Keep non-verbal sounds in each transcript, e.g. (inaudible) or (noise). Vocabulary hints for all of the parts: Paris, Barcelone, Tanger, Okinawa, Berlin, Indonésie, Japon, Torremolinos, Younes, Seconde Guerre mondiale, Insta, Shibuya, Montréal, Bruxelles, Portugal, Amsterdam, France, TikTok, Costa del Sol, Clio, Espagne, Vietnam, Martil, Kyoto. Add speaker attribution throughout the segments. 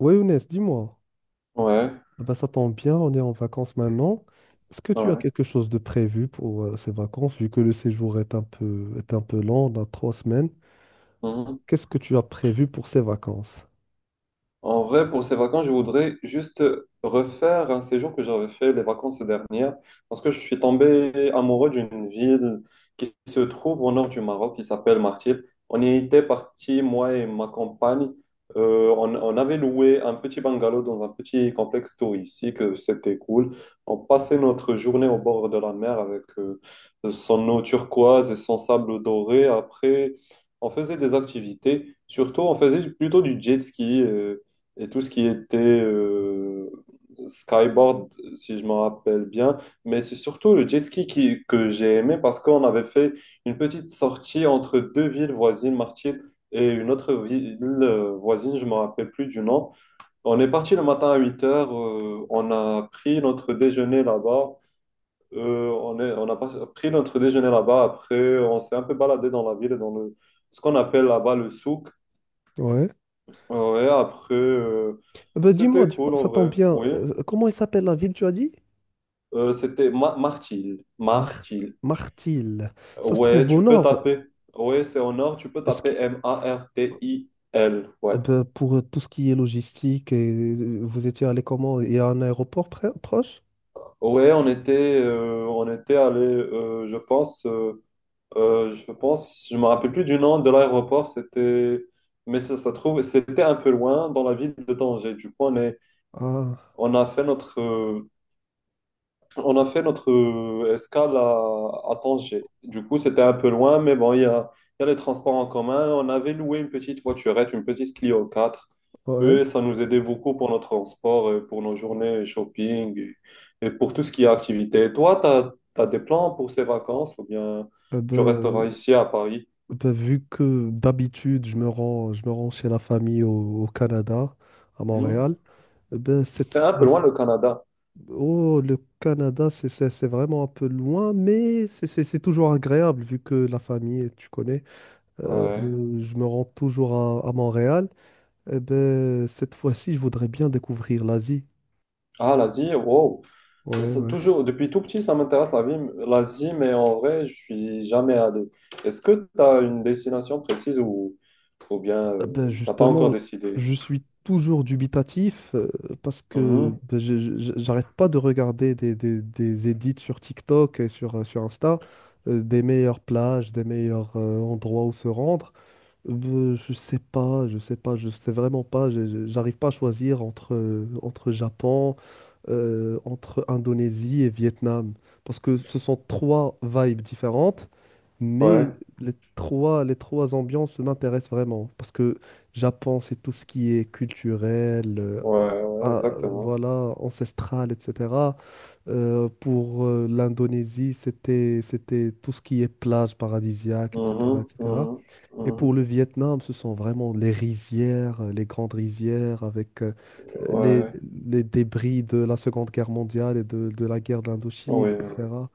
Speaker 1: Oui, Younes, dis-moi.
Speaker 2: Ouais,
Speaker 1: Ah bah, ça tombe bien, on est en vacances maintenant. Est-ce que tu as
Speaker 2: ouais.
Speaker 1: quelque chose de prévu pour ces vacances, vu que le séjour est un peu long, on a 3 semaines?
Speaker 2: Mhm.
Speaker 1: Qu'est-ce que tu as prévu pour ces vacances?
Speaker 2: En vrai, pour ces vacances, je voudrais juste refaire un séjour que j'avais fait les vacances dernières, parce que je suis tombé amoureux d'une ville qui se trouve au nord du Maroc, qui s'appelle Martil. On y était parti, moi et ma compagne. On avait loué un petit bungalow dans un petit complexe touristique, c'était cool. On passait notre journée au bord de la mer avec son eau turquoise et son sable doré. Après, on faisait des activités. Surtout, on faisait plutôt du jet ski. Et tout ce qui était euh, skyboard, si je me rappelle bien. Mais c'est surtout le jet ski que j'ai aimé parce qu'on avait fait une petite sortie entre deux villes voisines, Martil et une autre ville voisine, je me rappelle plus du nom. On est parti le matin à 8 heures, on a pris notre déjeuner là-bas. On a pris notre déjeuner là-bas. Après, on s'est un peu baladé dans la ville, ce qu'on appelle là-bas le souk.
Speaker 1: Ouais.
Speaker 2: Ouais, après,
Speaker 1: Ah bah, dis-moi,
Speaker 2: c'était
Speaker 1: dis-moi,
Speaker 2: cool en
Speaker 1: ça tombe
Speaker 2: vrai,
Speaker 1: bien.
Speaker 2: oui.
Speaker 1: Comment il s'appelle la ville, tu as dit?
Speaker 2: C'était Ma Martil.
Speaker 1: Mar-
Speaker 2: Martil.
Speaker 1: Martil. Ça se
Speaker 2: Ouais,
Speaker 1: trouve au
Speaker 2: tu peux
Speaker 1: nord.
Speaker 2: taper. Ouais, c'est en or, tu peux
Speaker 1: Est-ce
Speaker 2: taper
Speaker 1: qu'-
Speaker 2: Martil. Ouais.
Speaker 1: ben, pour tout ce qui est logistique, et vous étiez allé comment? Il y a un aéroport proche?
Speaker 2: Ouais, on était allé, je pense, je me rappelle plus du nom de l'aéroport, mais ça trouve, c'était un peu loin dans la ville de Tanger. Du coup, on est,
Speaker 1: Ah,
Speaker 2: on a fait notre, On a fait notre escale à Tanger. Du coup, c'était un peu loin, mais bon, il y a les transports en commun. On avait loué une petite voiturette, une petite Clio 4.
Speaker 1: ouais.
Speaker 2: Et ça nous aidait beaucoup pour notre transport, et pour nos journées shopping et pour tout ce qui est activité. Toi, tu as des plans pour ces vacances ou bien
Speaker 1: Euh,
Speaker 2: tu resteras
Speaker 1: ben,
Speaker 2: ici à Paris?
Speaker 1: ben, vu que d'habitude, je me rends chez la famille au Canada, à
Speaker 2: Mhm.
Speaker 1: Montréal, ben, cette
Speaker 2: C'est un
Speaker 1: fois.
Speaker 2: peu loin le Canada.
Speaker 1: Oh, le Canada, c'est vraiment un peu loin, mais c'est toujours agréable vu que la famille, tu connais,
Speaker 2: Ouais.
Speaker 1: je me rends toujours à Montréal. Eh ben, cette fois-ci, je voudrais bien découvrir l'Asie.
Speaker 2: Ah, l'Asie, wow.
Speaker 1: Ouais,
Speaker 2: Ça,
Speaker 1: ouais.
Speaker 2: toujours, depuis tout petit, ça m'intéresse la vie, l'Asie, mais en vrai, je suis jamais allé. Est-ce que tu as une destination précise ou bien
Speaker 1: Eh ben,
Speaker 2: tu t'as pas encore
Speaker 1: justement,
Speaker 2: décidé?
Speaker 1: je suis toujours dubitatif parce que
Speaker 2: Mhm.
Speaker 1: ben, j'arrête pas de regarder des edits sur TikTok et sur Insta, des meilleures plages, des meilleurs endroits où se rendre. Je sais pas, je sais vraiment pas. J'arrive pas à choisir entre Japon, entre Indonésie et Vietnam. Parce que ce sont trois vibes différentes,
Speaker 2: Ouais,
Speaker 1: mais les trois ambiances m'intéressent vraiment. Parce que Japon, c'est tout ce qui est culturel,
Speaker 2: ouais, ouais,
Speaker 1: ah,
Speaker 2: exactement.
Speaker 1: voilà, ancestral, etc. Pour l'Indonésie, c'était tout ce qui est plage paradisiaque, etc.,
Speaker 2: Mhm,
Speaker 1: etc.
Speaker 2: mhm,
Speaker 1: Et pour le
Speaker 2: mhm.
Speaker 1: Vietnam, ce sont vraiment les rizières, les grandes rizières avec les,
Speaker 2: Ouais,
Speaker 1: les débris de la Seconde Guerre mondiale et de la guerre d'Indochine,
Speaker 2: oui.
Speaker 1: etc.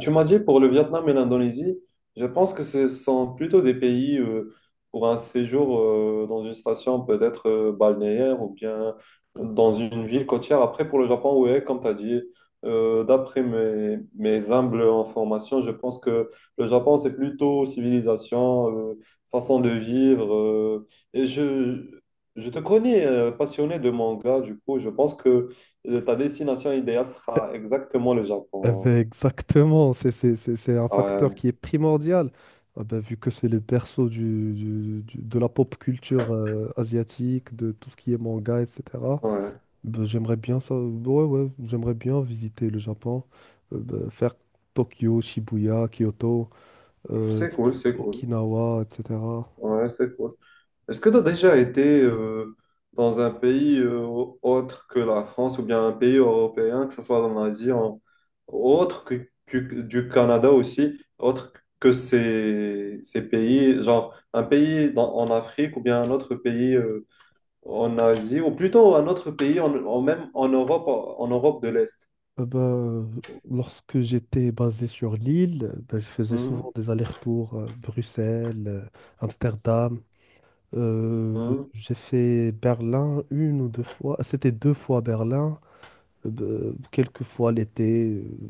Speaker 2: Tu m'as dit pour le Vietnam et l'Indonésie, je pense que ce sont plutôt des pays pour un séjour dans une station peut-être balnéaire ou bien dans une ville côtière. Après, pour le Japon, oui, comme tu as dit, d'après mes humbles informations, je pense que le Japon, c'est plutôt civilisation, façon de vivre. Et je te connais passionné de manga, du coup, je pense que ta destination idéale
Speaker 1: Eh
Speaker 2: sera exactement le
Speaker 1: eh
Speaker 2: Japon.
Speaker 1: ben, exactement, c'est un facteur
Speaker 2: Ouais.
Speaker 1: qui est primordial. Ah ben, vu que c'est le berceau de la pop culture asiatique, de tout ce qui est manga, etc.
Speaker 2: Ouais,
Speaker 1: Ben, j'aimerais bien ça, ouais, ouais, j'aimerais bien visiter le Japon, ben, faire Tokyo, Shibuya, Kyoto. euh,
Speaker 2: c'est cool, c'est cool.
Speaker 1: Okinawa, etc.
Speaker 2: Ouais, c'est cool. Est-ce que tu as déjà été dans un pays autre que la France ou bien un pays européen, que ce soit en Asie, en... du Canada aussi, autre que ces pays, genre un pays en Afrique ou bien un autre pays en Asie, ou plutôt un autre pays même en Europe de l'Est.
Speaker 1: Ben, lorsque j'étais basé sur l'île, ben, je faisais
Speaker 2: Mhm,
Speaker 1: souvent des allers-retours Bruxelles, Amsterdam. Euh,
Speaker 2: mhm,
Speaker 1: j'ai fait Berlin une ou deux fois. C'était deux fois Berlin, ben, quelques fois l'été,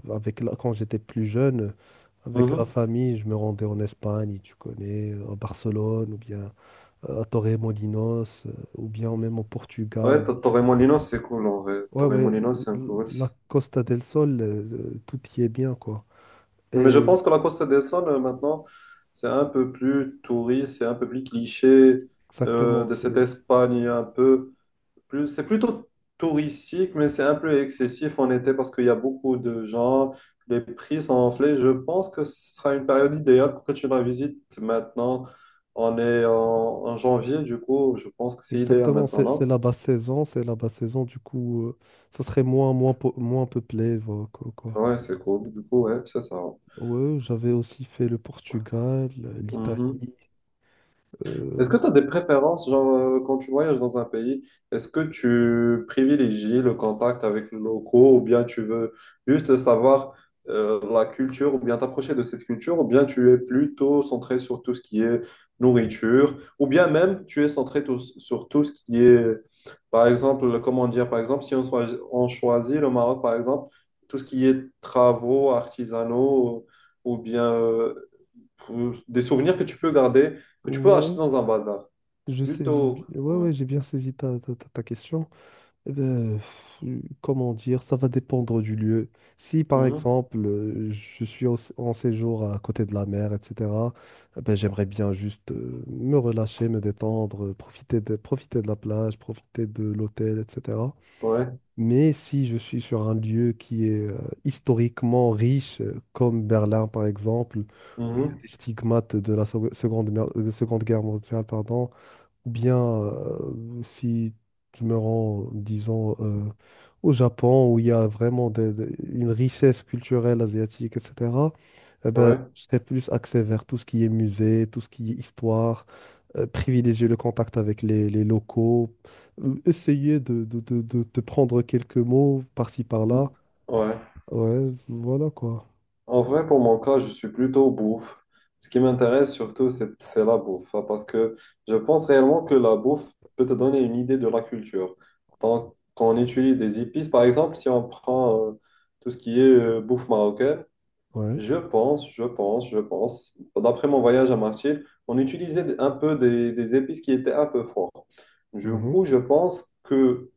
Speaker 1: avec quand j'étais plus jeune. Avec la
Speaker 2: mhm.
Speaker 1: famille, je me rendais en Espagne, tu connais, à Barcelone, ou bien à Torremolinos, ou bien même au
Speaker 2: Ouais,
Speaker 1: Portugal.
Speaker 2: Torremolinos, c'est cool en vrai.
Speaker 1: Ouais, ouais,
Speaker 2: Torremolinos, c'est un cool.
Speaker 1: la Costa del Sol, tout y est bien, quoi.
Speaker 2: Mais je
Speaker 1: Et
Speaker 2: pense que la Costa del Sol, maintenant, c'est un peu plus touriste, c'est un peu plus cliché
Speaker 1: exactement,
Speaker 2: de cette Espagne, un peu plus. C'est plutôt touristique, mais c'est un peu excessif en été parce qu'il y a beaucoup de gens, les prix sont enflés. Je pense que ce sera une période idéale pour que tu la visites maintenant. On est en janvier, du coup, je pense que c'est idéal
Speaker 1: exactement,
Speaker 2: maintenant,
Speaker 1: c'est
Speaker 2: non?
Speaker 1: la basse saison, c'est la basse saison, du coup, ça serait moins, moins peuplé, voilà, quoi, quoi.
Speaker 2: Ouais, c'est cool. Du coup, ouais, c'est ça.
Speaker 1: Ouais, j'avais aussi fait le Portugal, l'Italie.
Speaker 2: Est-ce
Speaker 1: euh,
Speaker 2: que tu as des préférences, genre, quand tu voyages dans un pays, est-ce que tu privilégies le contact avec les locaux ou bien tu veux juste savoir la culture ou bien t'approcher de cette culture ou bien tu es plutôt centré sur tout ce qui est nourriture ou bien même tu es centré sur tout ce qui est, par exemple, comment dire, par exemple, si on, soi- on choisit le Maroc, par exemple, tout ce qui est travaux artisanaux ou bien des souvenirs que tu peux garder, que tu peux acheter
Speaker 1: ouais,
Speaker 2: dans un bazar.
Speaker 1: je saisis,
Speaker 2: Plutôt.
Speaker 1: ouais,
Speaker 2: Ouais.
Speaker 1: ouais, j'ai bien saisi ta, ta, ta question. Eh ben, pff, comment dire, ça va dépendre du lieu. Si par
Speaker 2: Mhm.
Speaker 1: exemple je suis en séjour à côté de la mer, etc., eh ben, j'aimerais bien juste me relâcher, me détendre, profiter profiter de la plage, profiter de l'hôtel, etc.
Speaker 2: Ouais.
Speaker 1: Mais si je suis sur un lieu qui est historiquement riche, comme Berlin par exemple, où il y a
Speaker 2: Mhm.
Speaker 1: des stigmates de la seconde, de Seconde Guerre mondiale, pardon, ou bien, si je me rends, disons, au Japon, où il y a vraiment une richesse culturelle asiatique, etc., eh ben,
Speaker 2: Ouais.
Speaker 1: je serais plus axé vers tout ce qui est musée, tout ce qui est histoire, privilégier le contact avec les locaux, essayer de prendre quelques mots par-ci, par-là.
Speaker 2: Mhm. Ouais.
Speaker 1: Ouais, voilà quoi.
Speaker 2: En vrai, pour mon cas, je suis plutôt bouffe. Ce qui m'intéresse surtout, c'est la bouffe. Hein, parce que je pense réellement que la bouffe peut te donner une idée de la culture. Donc, quand on utilise des épices, par exemple, si on prend tout ce qui est bouffe marocaine.
Speaker 1: Ouais.
Speaker 2: Je pense. D'après mon voyage à Martil, on utilisait un peu des épices qui étaient un peu fortes. Du
Speaker 1: Mhm.
Speaker 2: coup, je pense que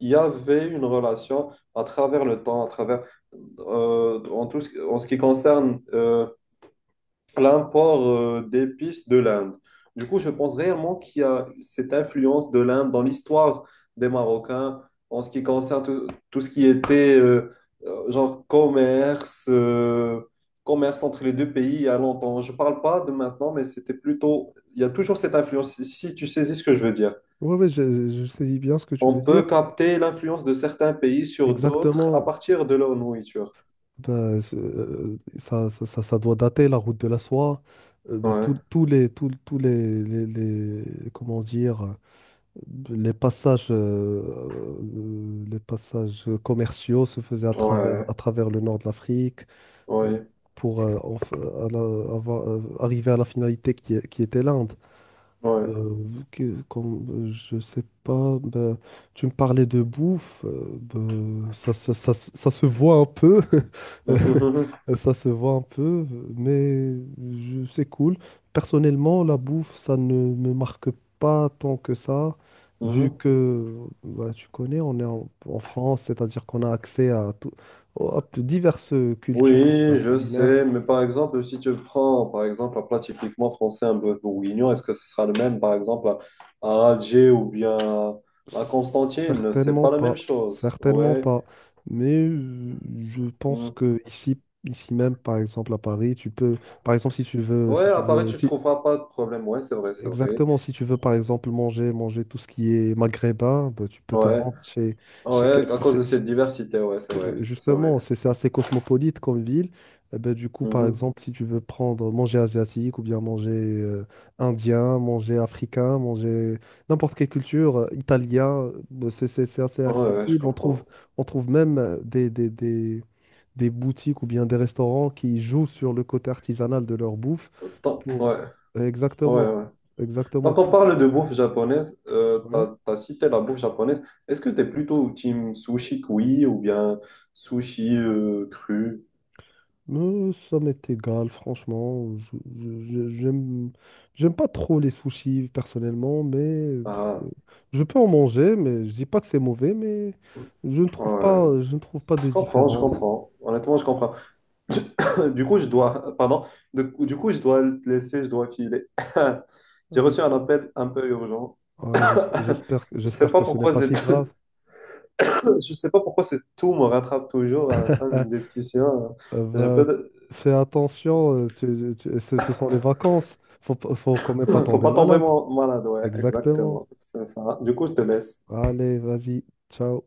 Speaker 2: il y avait une relation à travers le temps, à travers en ce qui concerne l'import d'épices de l'Inde. Du coup, je pense réellement qu'il y a cette influence de l'Inde dans l'histoire des Marocains en ce qui concerne tout ce qui était genre commerce entre les deux pays il y a longtemps. Je parle pas de maintenant, mais c'était plutôt. Il y a toujours cette influence, si tu saisis ce que je veux dire.
Speaker 1: Ouais, ouais, je saisis bien ce que tu
Speaker 2: On
Speaker 1: veux dire.
Speaker 2: peut capter l'influence de certains pays sur d'autres à
Speaker 1: Exactement.
Speaker 2: partir de leur nourriture.
Speaker 1: Ben, ça, ça doit dater, la route de la soie. Ben,
Speaker 2: Ouais,
Speaker 1: tous, tous les- comment dire, les passages, euh, les passages commerciaux se faisaient à
Speaker 2: ouais,
Speaker 1: travers le nord de l'Afrique euh,
Speaker 2: ouais,
Speaker 1: pour arriver à la finalité qui était l'Inde. Euh, que comme je sais pas, ben, tu me parlais de bouffe, ben, ça se voit un peu. (laughs)
Speaker 2: ouais.
Speaker 1: Ça se voit un peu, mais c'est cool. Personnellement, la bouffe, ça ne me marque pas tant que ça, vu
Speaker 2: (laughs)
Speaker 1: que bah, tu connais, on est en France, c'est-à-dire qu'on a accès à, tout, à diverses cultures
Speaker 2: Oui, je
Speaker 1: culinaires.
Speaker 2: sais, mais par exemple, si tu prends par exemple un plat typiquement français, un bœuf bourguignon, est-ce que ce sera le même par exemple à Alger ou bien à Constantine? C'est
Speaker 1: Certainement
Speaker 2: pas la
Speaker 1: pas,
Speaker 2: même chose.
Speaker 1: certainement
Speaker 2: Ouais.
Speaker 1: pas. Mais je pense
Speaker 2: Hmm.
Speaker 1: que ici, ici même, par exemple à Paris, tu peux, par exemple, si tu veux,
Speaker 2: Ouais,
Speaker 1: si
Speaker 2: à
Speaker 1: tu
Speaker 2: Paris,
Speaker 1: veux,
Speaker 2: tu
Speaker 1: si-
Speaker 2: trouveras pas de problème. Ouais, c'est vrai, c'est vrai.
Speaker 1: exactement, si tu veux, par exemple, manger tout ce qui est maghrébin, bah, tu peux te
Speaker 2: Ouais,
Speaker 1: rendre chez, chez, quel-
Speaker 2: ouais, à cause de
Speaker 1: chez- chez
Speaker 2: cette diversité, ouais, c'est vrai, c'est vrai.
Speaker 1: justement, c'est assez cosmopolite comme ville. Eh ben, du coup, par
Speaker 2: Mhm.
Speaker 1: exemple, si tu veux prendre manger asiatique ou bien manger indien, manger africain, manger n'importe quelle culture, italien, bah, c'est assez
Speaker 2: Ouais, ouais, je
Speaker 1: accessible.
Speaker 2: comprends.
Speaker 1: On trouve même des boutiques ou bien des restaurants qui jouent sur le côté artisanal de leur bouffe pour.
Speaker 2: Ouais, ouais,
Speaker 1: Exactement,
Speaker 2: ouais.
Speaker 1: exactement.
Speaker 2: Quand on parle de bouffe japonaise,
Speaker 1: Ouais.
Speaker 2: t'as cité la bouffe japonaise. Est-ce que t'es plutôt team sushi cuit ou bien sushi cru?
Speaker 1: Ça m'est égal, franchement. J'aime pas trop les sushis personnellement, mais
Speaker 2: Ah,
Speaker 1: je peux en manger, mais je dis pas que c'est mauvais, mais
Speaker 2: ouais.
Speaker 1: je ne trouve pas de
Speaker 2: Je comprends, je
Speaker 1: différence.
Speaker 2: comprends. Honnêtement, je comprends. (coughs) Du coup, je dois, pardon, du coup, je dois te laisser, je dois filer. (coughs) (laughs) J'ai reçu un
Speaker 1: Euh,
Speaker 2: appel un peu urgent.
Speaker 1: ouais, ouais,
Speaker 2: (coughs) Je sais
Speaker 1: j'espère
Speaker 2: pas
Speaker 1: que ce n'est
Speaker 2: pourquoi
Speaker 1: pas si
Speaker 2: (coughs)
Speaker 1: grave.
Speaker 2: (laughs) je sais pas pourquoi ce tout me rattrape toujours à la fin
Speaker 1: Euh,
Speaker 2: d'une discussion.
Speaker 1: euh,
Speaker 2: Je
Speaker 1: bah,
Speaker 2: peux.
Speaker 1: fais attention, ce sont les vacances. Faut quand même pas
Speaker 2: (laughs) Faut
Speaker 1: tomber
Speaker 2: pas tomber
Speaker 1: malade.
Speaker 2: malade, ouais,
Speaker 1: Exactement.
Speaker 2: exactement. C'est ça. Du coup, je te laisse.
Speaker 1: Allez, vas-y, ciao.